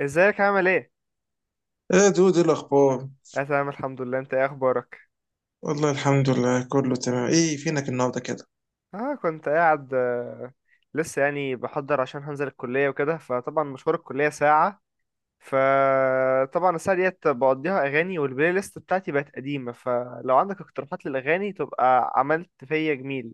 ازيك عامل ايه؟ يا دود ايه الاخبار؟ اه تمام الحمد لله. انت ايه اخبارك؟ والله الحمد لله كله تمام. ايه فينك النهارده كده؟ اه كنت قاعد لسه يعني بحضر عشان هنزل الكلية وكده، فطبعا مشوار الكلية ساعة، فطبعا الساعة ديت بقضيها اغاني والبلاي ليست بتاعتي بقت قديمة، فلو عندك اقتراحات للاغاني تبقى عملت فيا جميل.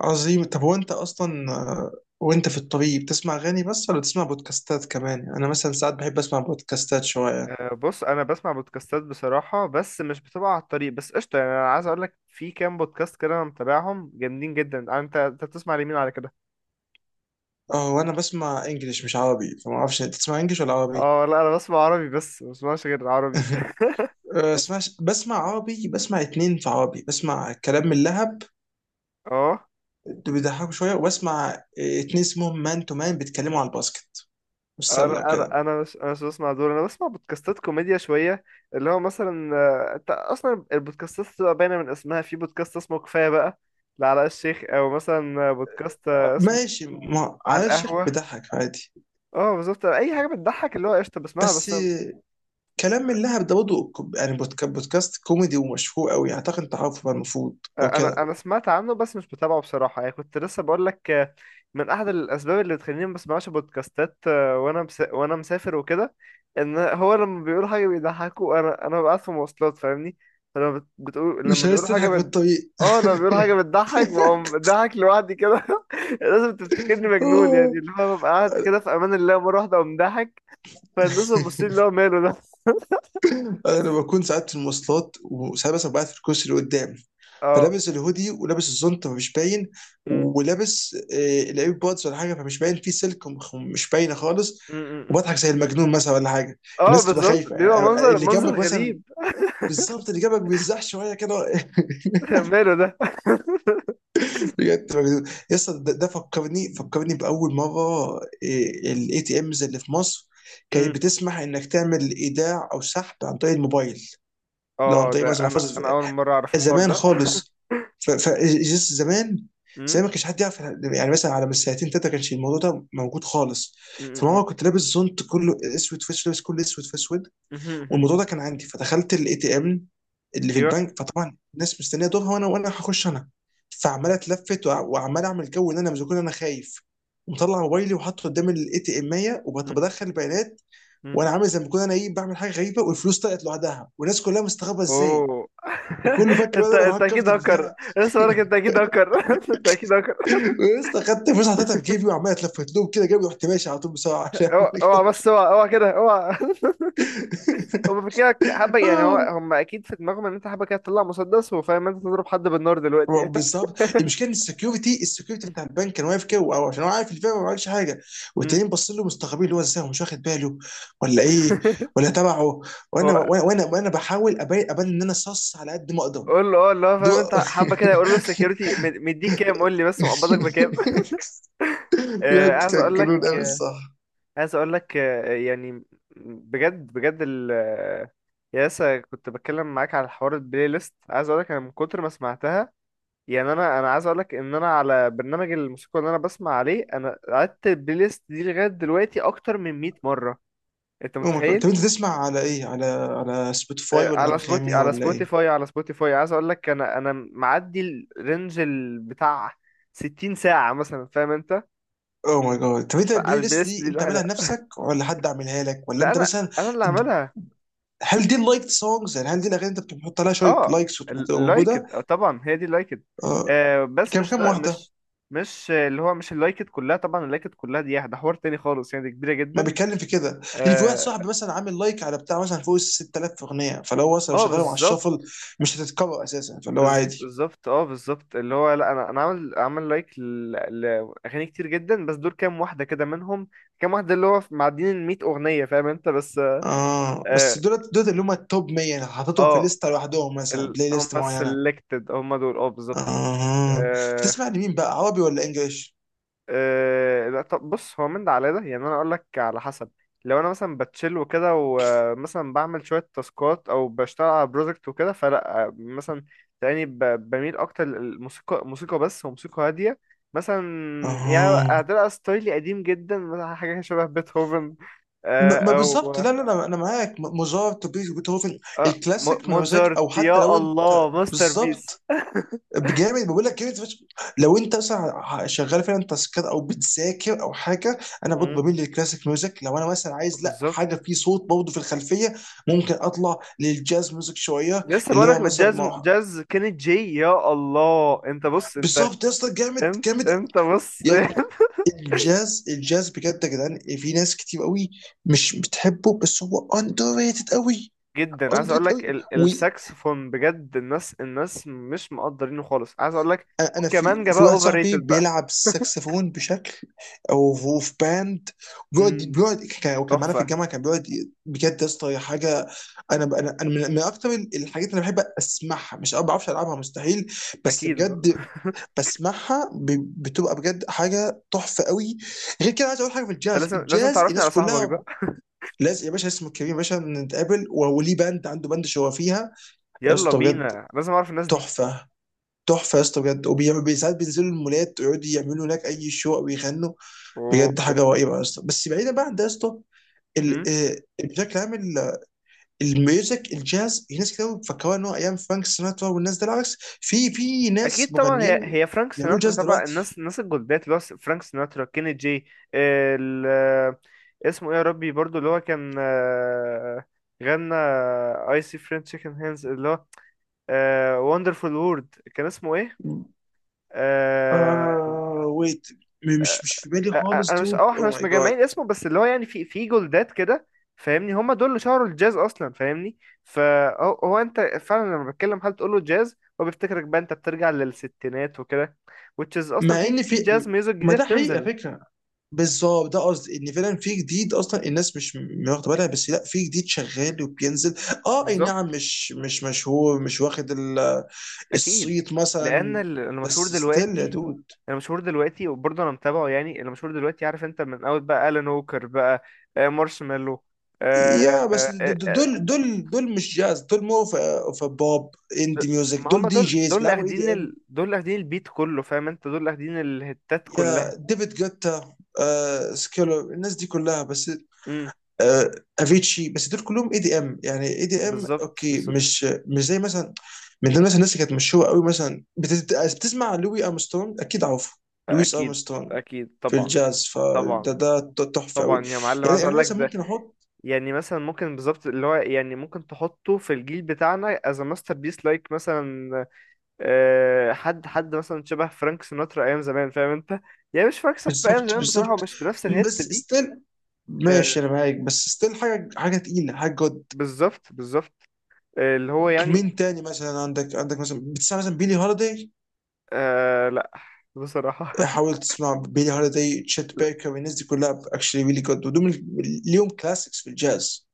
عظيم. طب هو انت اصلا وانت في الطريق بتسمع اغاني بس ولا بتسمع بودكاستات كمان؟ يعني انا مثلا ساعات بحب اسمع بودكاستات شويه. بص انا بسمع بودكاستات بصراحة، بس مش بتبقى على الطريق بس، قشطة يعني. انا عايز اقولك في كام بودكاست كده انا متابعهم جامدين جدا. انت بتسمع لمين على كده؟ اه، وانا بسمع انجليش مش عربي، فما اعرفش انت بتسمع انجليش ولا عربي. اه لا، انا بسمع عربي، بس ما بسمعش غير عربي. اسمعش بسمع عربي، بسمع اتنين في عربي. بسمع كلام من لهب اه اللي انا بيضحكوا شويه، وبسمع اتنين اسمهم مان تو مان بيتكلموا على الباسكت والسله وكده. انا مش بسمع دول، انا بسمع بودكاستات كوميديا شويه، اللي هو مثلا انت اصلا البودكاستات بتبقى باينه من اسمها. في بودكاست اسمه كفايه بقى لعلاء الشيخ، او مثلا بودكاست اسمه ماشي، ما على على الشيخ القهوه. بيضحك عادي. اه بالظبط، اي حاجه بتضحك اللي هو قشطه بسمعها بس بس. كلام من لهب ده برضه يعني بودكاست كوميدي ومشهور قوي، يعني اعتقد انت عارفه بقى المفروض. لو انا كده انا سمعت عنه بس مش بتابعه بصراحه، يعني كنت لسه بقول لك من احد الاسباب اللي بتخليني ما بسمعش بودكاستات وانا مسافر وكده، ان هو لما بيقول حاجه بيضحكوا انا ببقى قاعد في مواصلات فاهمني، بتقول لما مش عايز بيقولوا تضحك في الطريق. اه لما بيقولوا حاجه بتضحك بقوم بضحك لوحدي كده. لازم تفتكرني مجنون، آه. يعني اللي هو ببقى قاعد كده في امان الله، مره واحده اقوم ضاحك، فالناس بتبص لي اللي هو ماله ده. انا بكون ساعات في المواصلات، وساعات مثلا بقعد في الكرسي اللي قدام، اه. فلابس الهودي ولابس الزنطة فمش باين، م- ولابس الاير بودز ولا حاجة فمش باين في سلك مش باينة خالص، م. وبضحك زي المجنون مثلا ولا حاجة. اه الناس تبقى بالظبط، خايفة، بيبقى يعني منظر اللي منظر جنبك مثلا. غريب. بالظبط، اللي جنبك بيزحش شوية كده. ماله ده. بجد بجد. يا اسطى ده ده فكرني باول مره. الاي تي امز اللي في مصر كانت امم، بتسمح انك تعمل ايداع او سحب عن طريق الموبايل، لو عن اه طريق ده مثلا انا محفظه. انا اول مره اعرف الحوار زمان ده. خالص. زمان زي امم، ما كانش حد يعرف، يعني مثلا على من سنتين تلاته كانش الموضوع ده موجود خالص. امم. امم، فماما كنت لابس زونت كله اسود في اسود، لابس كله اسود في اسود، امم. امم. والموضوع ده كان عندي، فدخلت الاي تي ام اللي في ايوه. البنك. فطبعا الناس مستنيه دورها، وانا هخش انا. فعمال اتلفت وعمال اعمل جو ان انا مش كون انا خايف، ومطلع موبايلي وحاطه قدام الاي تي ام امم، وبدخل البيانات. امم. وانا عامل زي ما بكون انا ايه، بعمل حاجه غريبه، والفلوس طلعت لوحدها والناس كلها مستغربه ازاي، اوه، وكله فاكر بقى انت إن انا انت اكيد هكفت هكر، البتاع. لسه بقولك انت اكيد هكر. انت اكيد هكر. ولسه خدت فلوس حطيتها في جيبي وعمال اتلفت لهم كده جيبي، رحت ماشي على طول بسرعه عشان اوعى أعمل اوعى، جو. بس اوعى اوعى كده، اوعى. هما فاكرينك حبه، يعني هو هم اكيد في دماغهم ان انت حبه كده تطلع مسدس، وفاهم انت تضرب حد بالنار هو دلوقتي. بالظبط المشكله ان السكيورتي بتاع البنك كان واقف كده، او عشان هو عارف الفيرا ما عملش حاجه. امم. والتانيين باصين له مستغربين اللي هو ازاي هو مش واخد باله ولا ايه ولا تبعه. وانا هو وانا وانا, وأنا بحاول ابين ابان ان انا صص على قد ما اقدر. قول له اه، اللي هو دو... فاهم انت حبه كده، يقول له السكيورتي مديك كام، قول لي بس مقبضك بكام. آه، بجد عايز كان اقول لك جنون قوي الصح. عايز اقول لك يعني، بجد بجد ال آه، يا لسه كنت بتكلم معاك على حوار البلاي ليست، عايز اقول لك انا من كتر ما سمعتها، يعني انا عايز اقول لك ان انا على برنامج الموسيقى اللي انا بسمع عليه، انا قعدت البلاي ليست دي لغايه دلوقتي اكتر من 100 مره، انت او ماي جاد، متخيل. طب انت تسمع على ايه، على سبوتيفاي آه، ولا على يا سبوتي انغامي على ولا ايه؟ سبوتيفاي على سبوتيفاي، عايز اقول لك انا معدي الرينج بتاع 60 ساعه مثلا، فاهم انت، او ماي جاد، طب انت البلاي فالبلاي ليست ليست دي دي انت عاملها الواحده. لنفسك ولا حد عاملها لك، ولا لا انت انا مثلا انا اللي عملها. هل دي اللايك سونجز؟ يعني هل دي الاغاني انت بتحط عليها شويه اه لايكس وتبقى موجوده؟ اللايكد، آه طبعا هي دي اللايكد. آه. آه بس كم مش كم لا واحده؟ مش مش آه، اللي هو مش اللايكد كلها طبعا، اللايكد كلها دي ده حوار تاني خالص يعني، دي كبيرة ما جدا. بيتكلم في كده. لان في واحد اه. صاحبي مثلا عامل لايك على بتاع مثلا فوق ال 6000 اغنيه، فلو مثلا لو آه، شغالهم على بالظبط الشفل مش هتتكرر اساسا، فاللي هو بز- عادي. بالظبط اه بالظبط اللي هو، لا انا عامل عامل لاغاني كتير جدا، بس دول كام واحده كده منهم، كام واحده اللي هو معديين ال 100 اغنيه فاهم انت بس. اه بس اه دول، دول اللي هم التوب 100 انا حاططهم في اه لسته لوحدهم، مثلا بلاي هم ليست معينه. selected هم دول، اه بالظبط. اه. آه، بتسمع لمين بقى، عربي ولا انجليش؟ أه لا طب بص، هو من ده على ده يعني، انا اقول لك على حسب، لو انا مثلا بتشيل وكده ومثلا بعمل شويه تاسكات او بشتغل على بروجكت وكده، فلا مثلا تلاقيني بميل اكتر للموسيقى، موسيقى بس وموسيقى هاديه مثلا. يعني اه هتبقى ستايلي قديم جدا، مثلا حاجه شبه بيتهوفن، آه، ما او بالظبط، لا انا معاك. موزارت، بيتهوفن، الكلاسيك ميوزك. موزارت، او حتى يا لو انت الله ماستر بيس. بالظبط بجامد، بقول لك جامد فشخ. لو انت مثلا شغال فعلا تاسكات او بتذاكر او حاجه، انا مم، برضه بميل للكلاسيك ميوزك. لو انا مثلا عايز لا بالظبط. حاجه في صوت برضه في الخلفيه، ممكن اطلع للجاز ميوزك شويه، لسه اللي هو بقولك مثلا جاز، ما. جاز كيني جي، يا الله. انت بص انت، بالظبط يا اسطى، جامد انت جامد. انت بص. يا-، الجاز الجاز بجد يا جدعان، في ناس كتير قوي مش بتحبه، بس هو اندر ريتد قوي. جدا عايز اندر اقول ريتد لك قوي. الساكسفون بجد، الناس مش مقدرينه خالص، عايز اقول لك. انا في والكمانجة في بقى واحد اوفر صاحبي ريتد بقى. بيلعب ساكسفون بشكل، او هو في باند. بيقعد امم. بيقعد كان، وكان معانا في تحفة. الجامعه، كان بيقعد بجد يا اسطى هي حاجه. انا من اكتر الحاجات اللي أنا بحب اسمعها، مش ما بعرفش العبها مستحيل، بس اكيد. بجد بسمعها بتبقى بجد حاجه تحفه قوي. غير كده عايز اقول حاجه في انت الجاز، لازم الجاز تعرفني على الناس صاحبك كلها. ده. لازم يا باشا، اسمه كريم يا باشا. نتقابل، وليه باند، عنده باند شو هو فيها. يا يلا اسطى بجد، بينا، لازم اعرف الناس دي. تحفه تحفه يا اسطى بجد. ساعات بينزلوا المولات ويقعدوا يعملوا هناك اي شو او يغنوا. اوه. بجد حاجه رهيبه يا اسطى. بس بعيدا بقى عن ده يا اسطى، ال- امم. آه، بشكل عام الميوزك الجاز، في ناس كتير أوي بيفكروها ان هو ايام فرانك سيناترا والناس ده. العكس، في في ناس اكيد طبعا، هي مغنيين هي فرانك بيعملوا سيناترا جاز طبعا، دلوقتي. الناس الجولدات، اللي هو فرانك سيناترا، كيني جي، ال... اسمه ايه يا ربي برضو، اللي هو كان غنى اي سي فريند تشيكن هانز، اللي هو وندرفول وورد، كان اسمه ايه؟ آه. آه ويت، مش مش في بالي آه، خالص انا مش دود، اه احنا او مش ماي جاد. مجمعين اسمه، بس اللي هو يعني في في جولدات كده فاهمني، هما دول اللي شهروا الجاز اصلا فاهمني. فهو انت فعلا لما بتكلم حد تقول له جاز، هو بيفتكرك بقى انت بترجع للستينات وكده، which is اصلا مع في ان في في، جاز ميوزك ما جديده ده حقيقه بتنزل. فكره. بالظبط ده قصدي، ان فعلا في جديد، اصلا الناس مش واخده بالها، بس لا، في جديد شغال وبينزل. اه اي بالظبط. نعم، مش مش مشهور، مش واخد اكيد. الصيت لان مثلا. المشهور بس ستيل يا دلوقتي، دود. المشهور دلوقتي وبرضه انا متابعه يعني، المشهور دلوقتي عارف انت، من اول بقى الان ووكر بقى، مارشميلو. يا بس دول دول دول مش جاز، دول مو اوف بوب، اندي د- ميوزك، ما دول هما دي دول، جيز دول اللي بيلعبوا اي اخدين دي ام. دول اللي اخدين البيت كله فاهم انت، دول اللي اخدين الهتات كلها. يا ديفيد جوتا، آه سكيلر، الناس دي كلها، بس امم. آه، افيتشي. بس دول كلهم اي دي ام، يعني اي دي ام بالظبط اوكي، بالظبط. مش مش زي مثلا من ضمن مثلا الناس اللي كانت مشهوره قوي، مثلا بتسمع لوي ارمسترونج، اكيد عارفه، لويس اكيد. ارمسترونج اكيد في طبعا. الجاز. فده طبعا. ده ده تحفه قوي. طبعا يا معلم، يعني عايز اقول يعني لك مثلا ده ممكن احط. يعني مثلا، ممكن بالظبط اللي هو، يعني ممكن تحطه في الجيل بتاعنا as a masterpiece like مثلا حد مثلا شبه فرانك سيناترا ايام زمان فاهم انت، يعني مش فرانك سيناترا ايام بالظبط زمان بصراحة، هو بالظبط. مش بنفس الهت بس دي. ستيل، آه، ماشي انا معاك، بس ستيل حاجه حاجه تقيله، حاجه جد. بالظبط بالظبط. آه، اللي هو يعني مين تاني مثلا عندك، عندك مثلا بتسمع مثلا بيلي هوليداي؟ آه لا بصراحة. حاول تسمع بيلي هوليداي، تشيت بيكر، الناس دي كلها اكشلي ريلي جود، ودول من-، ليهم كلاسيكس في الجاز.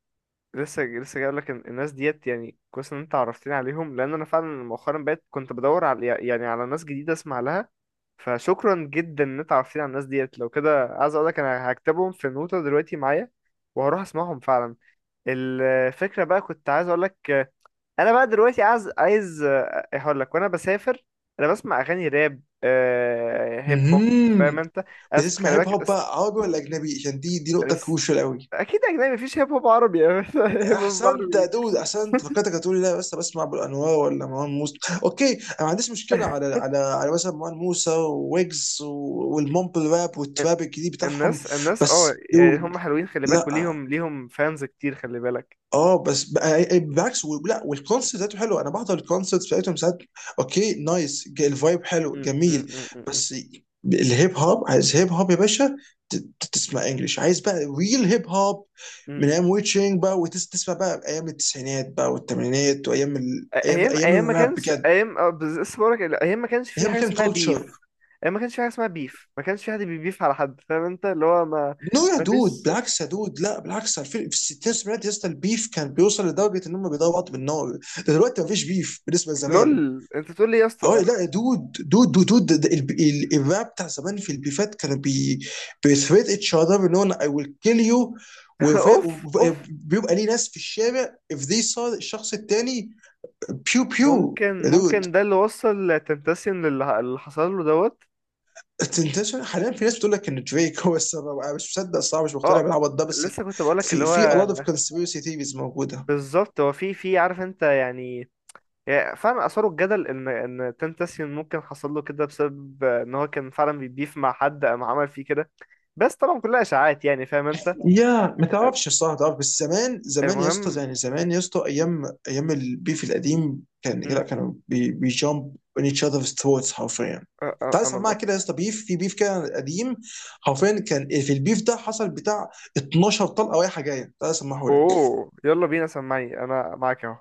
لسه لسه جاي لك الناس ديت، يعني كويس ان انت عرفتني عليهم، لان انا فعلا مؤخرا بقيت كنت بدور على يعني على ناس جديده اسمع لها، فشكرا جدا ان انت عرفتني على الناس ديت. لو كده عايز اقول لك انا هكتبهم في نوتة دلوقتي معايا، وهروح اسمعهم فعلا. الفكره بقى كنت عايز اقول لك، انا بقى دلوقتي عايز هقول لك، وانا بسافر انا بسمع اغاني راب هيب هوب فاهم مهم. انت، بتسمع خلي هيب بالك هوب بقى عربي ولا اجنبي؟ عشان دي دي نقطه أس... كروشال قوي. اكيد اجنبي، مفيش هيب هوب عربي. هيب هوب احسنت يا عربي، دود احسنت. فكرتك هتقولي لا بس بسمع ابو الانوار ولا مروان موسى. اوكي، انا ما عنديش مشكله على على على مثلا مروان موسى وويجز والمومبل راب والتراب الجديد بتاعهم. الناس اه بس يعني دود، هم حلوين خلي بالك، لا، وليهم فانز كتير خلي بالك. اه بس بالعكس لا، والكونسيبت ذاته حلو، انا بحضر الكونسيبت بتاعتهم ساعات، اوكي نايس، الفايب حلو م- م- جميل. م- م- م- بس الهيب هوب عايز هيب هوب يا باشا، تسمع انجلش، عايز بقى ريل هيب هوب من م. ايام ويتشنج بقى، وتسمع بقى ايام التسعينات بقى والثمانينات وايام ال... ايام ايام ايام ايام ما الراب كانش بجد. ايام اه بز- لسه بقولك ايام ما كانش في هي حاجه كان اسمها بيف، كلتشر. ايام ما كانش في حاجه اسمها بيف، ما كانش في حد بيبيف على حد فاهم انت، اللي هو ما نو يا ما دود، فيش. بالعكس يا دود، لا بالعكس، في الستينات والسبعينات يا اسطى، البيف كان بيوصل لدرجه ان هم بيضربوا بعض بالنار. ده دلوقتي مفيش بيف بالنسبه لزمان. لول، انت تقول لي يا اه اسطى. لا دود دود الراب بتاع زمان في البيفات كانوا بي، بيثريت اتش اذر ان انا اي ويل كيل يو. اوف اوف. وبيبقى ليه ناس في الشارع if they saw الشخص التاني، بيو بيو ممكن يا دود. ممكن ده اللي وصل تنتسيون، للي اللي حصل له دوت. انت حاليا في ناس بتقول لك ان دريك هو السبب، انا مش مصدق الصراحه، مش مقتنع اه بالعبط ده، بس لسه كنت بقولك اللي في هو في a lot of conspiracy theories موجوده. بالظبط، هو في في عارف انت يعني، يعني فعلا اثاروا الجدل ان ان تنتسيون ممكن حصل له كده بسبب ان هو كان فعلا بيبيف مع حد قام عمل فيه كده، بس طبعا كلها اشاعات يعني فاهم انت. يا ما تعرفش الصراحه تعرف. بس زمان، زمان يا اسطى، المهم. يعني زمان يا اسطى، ايام ايام البيف القديم كان لا، مم. كانوا بيجامب on each other's throats حرفيا. تعال سمعها انا. كده يا اسطى، بيف في بيف كده قديم، حرفيا كان في البيف ده حصل بتاع 12 طلقه رايحه جايه. تعال سمعه. اوه يلا بينا، سمعني انا معاك اهو.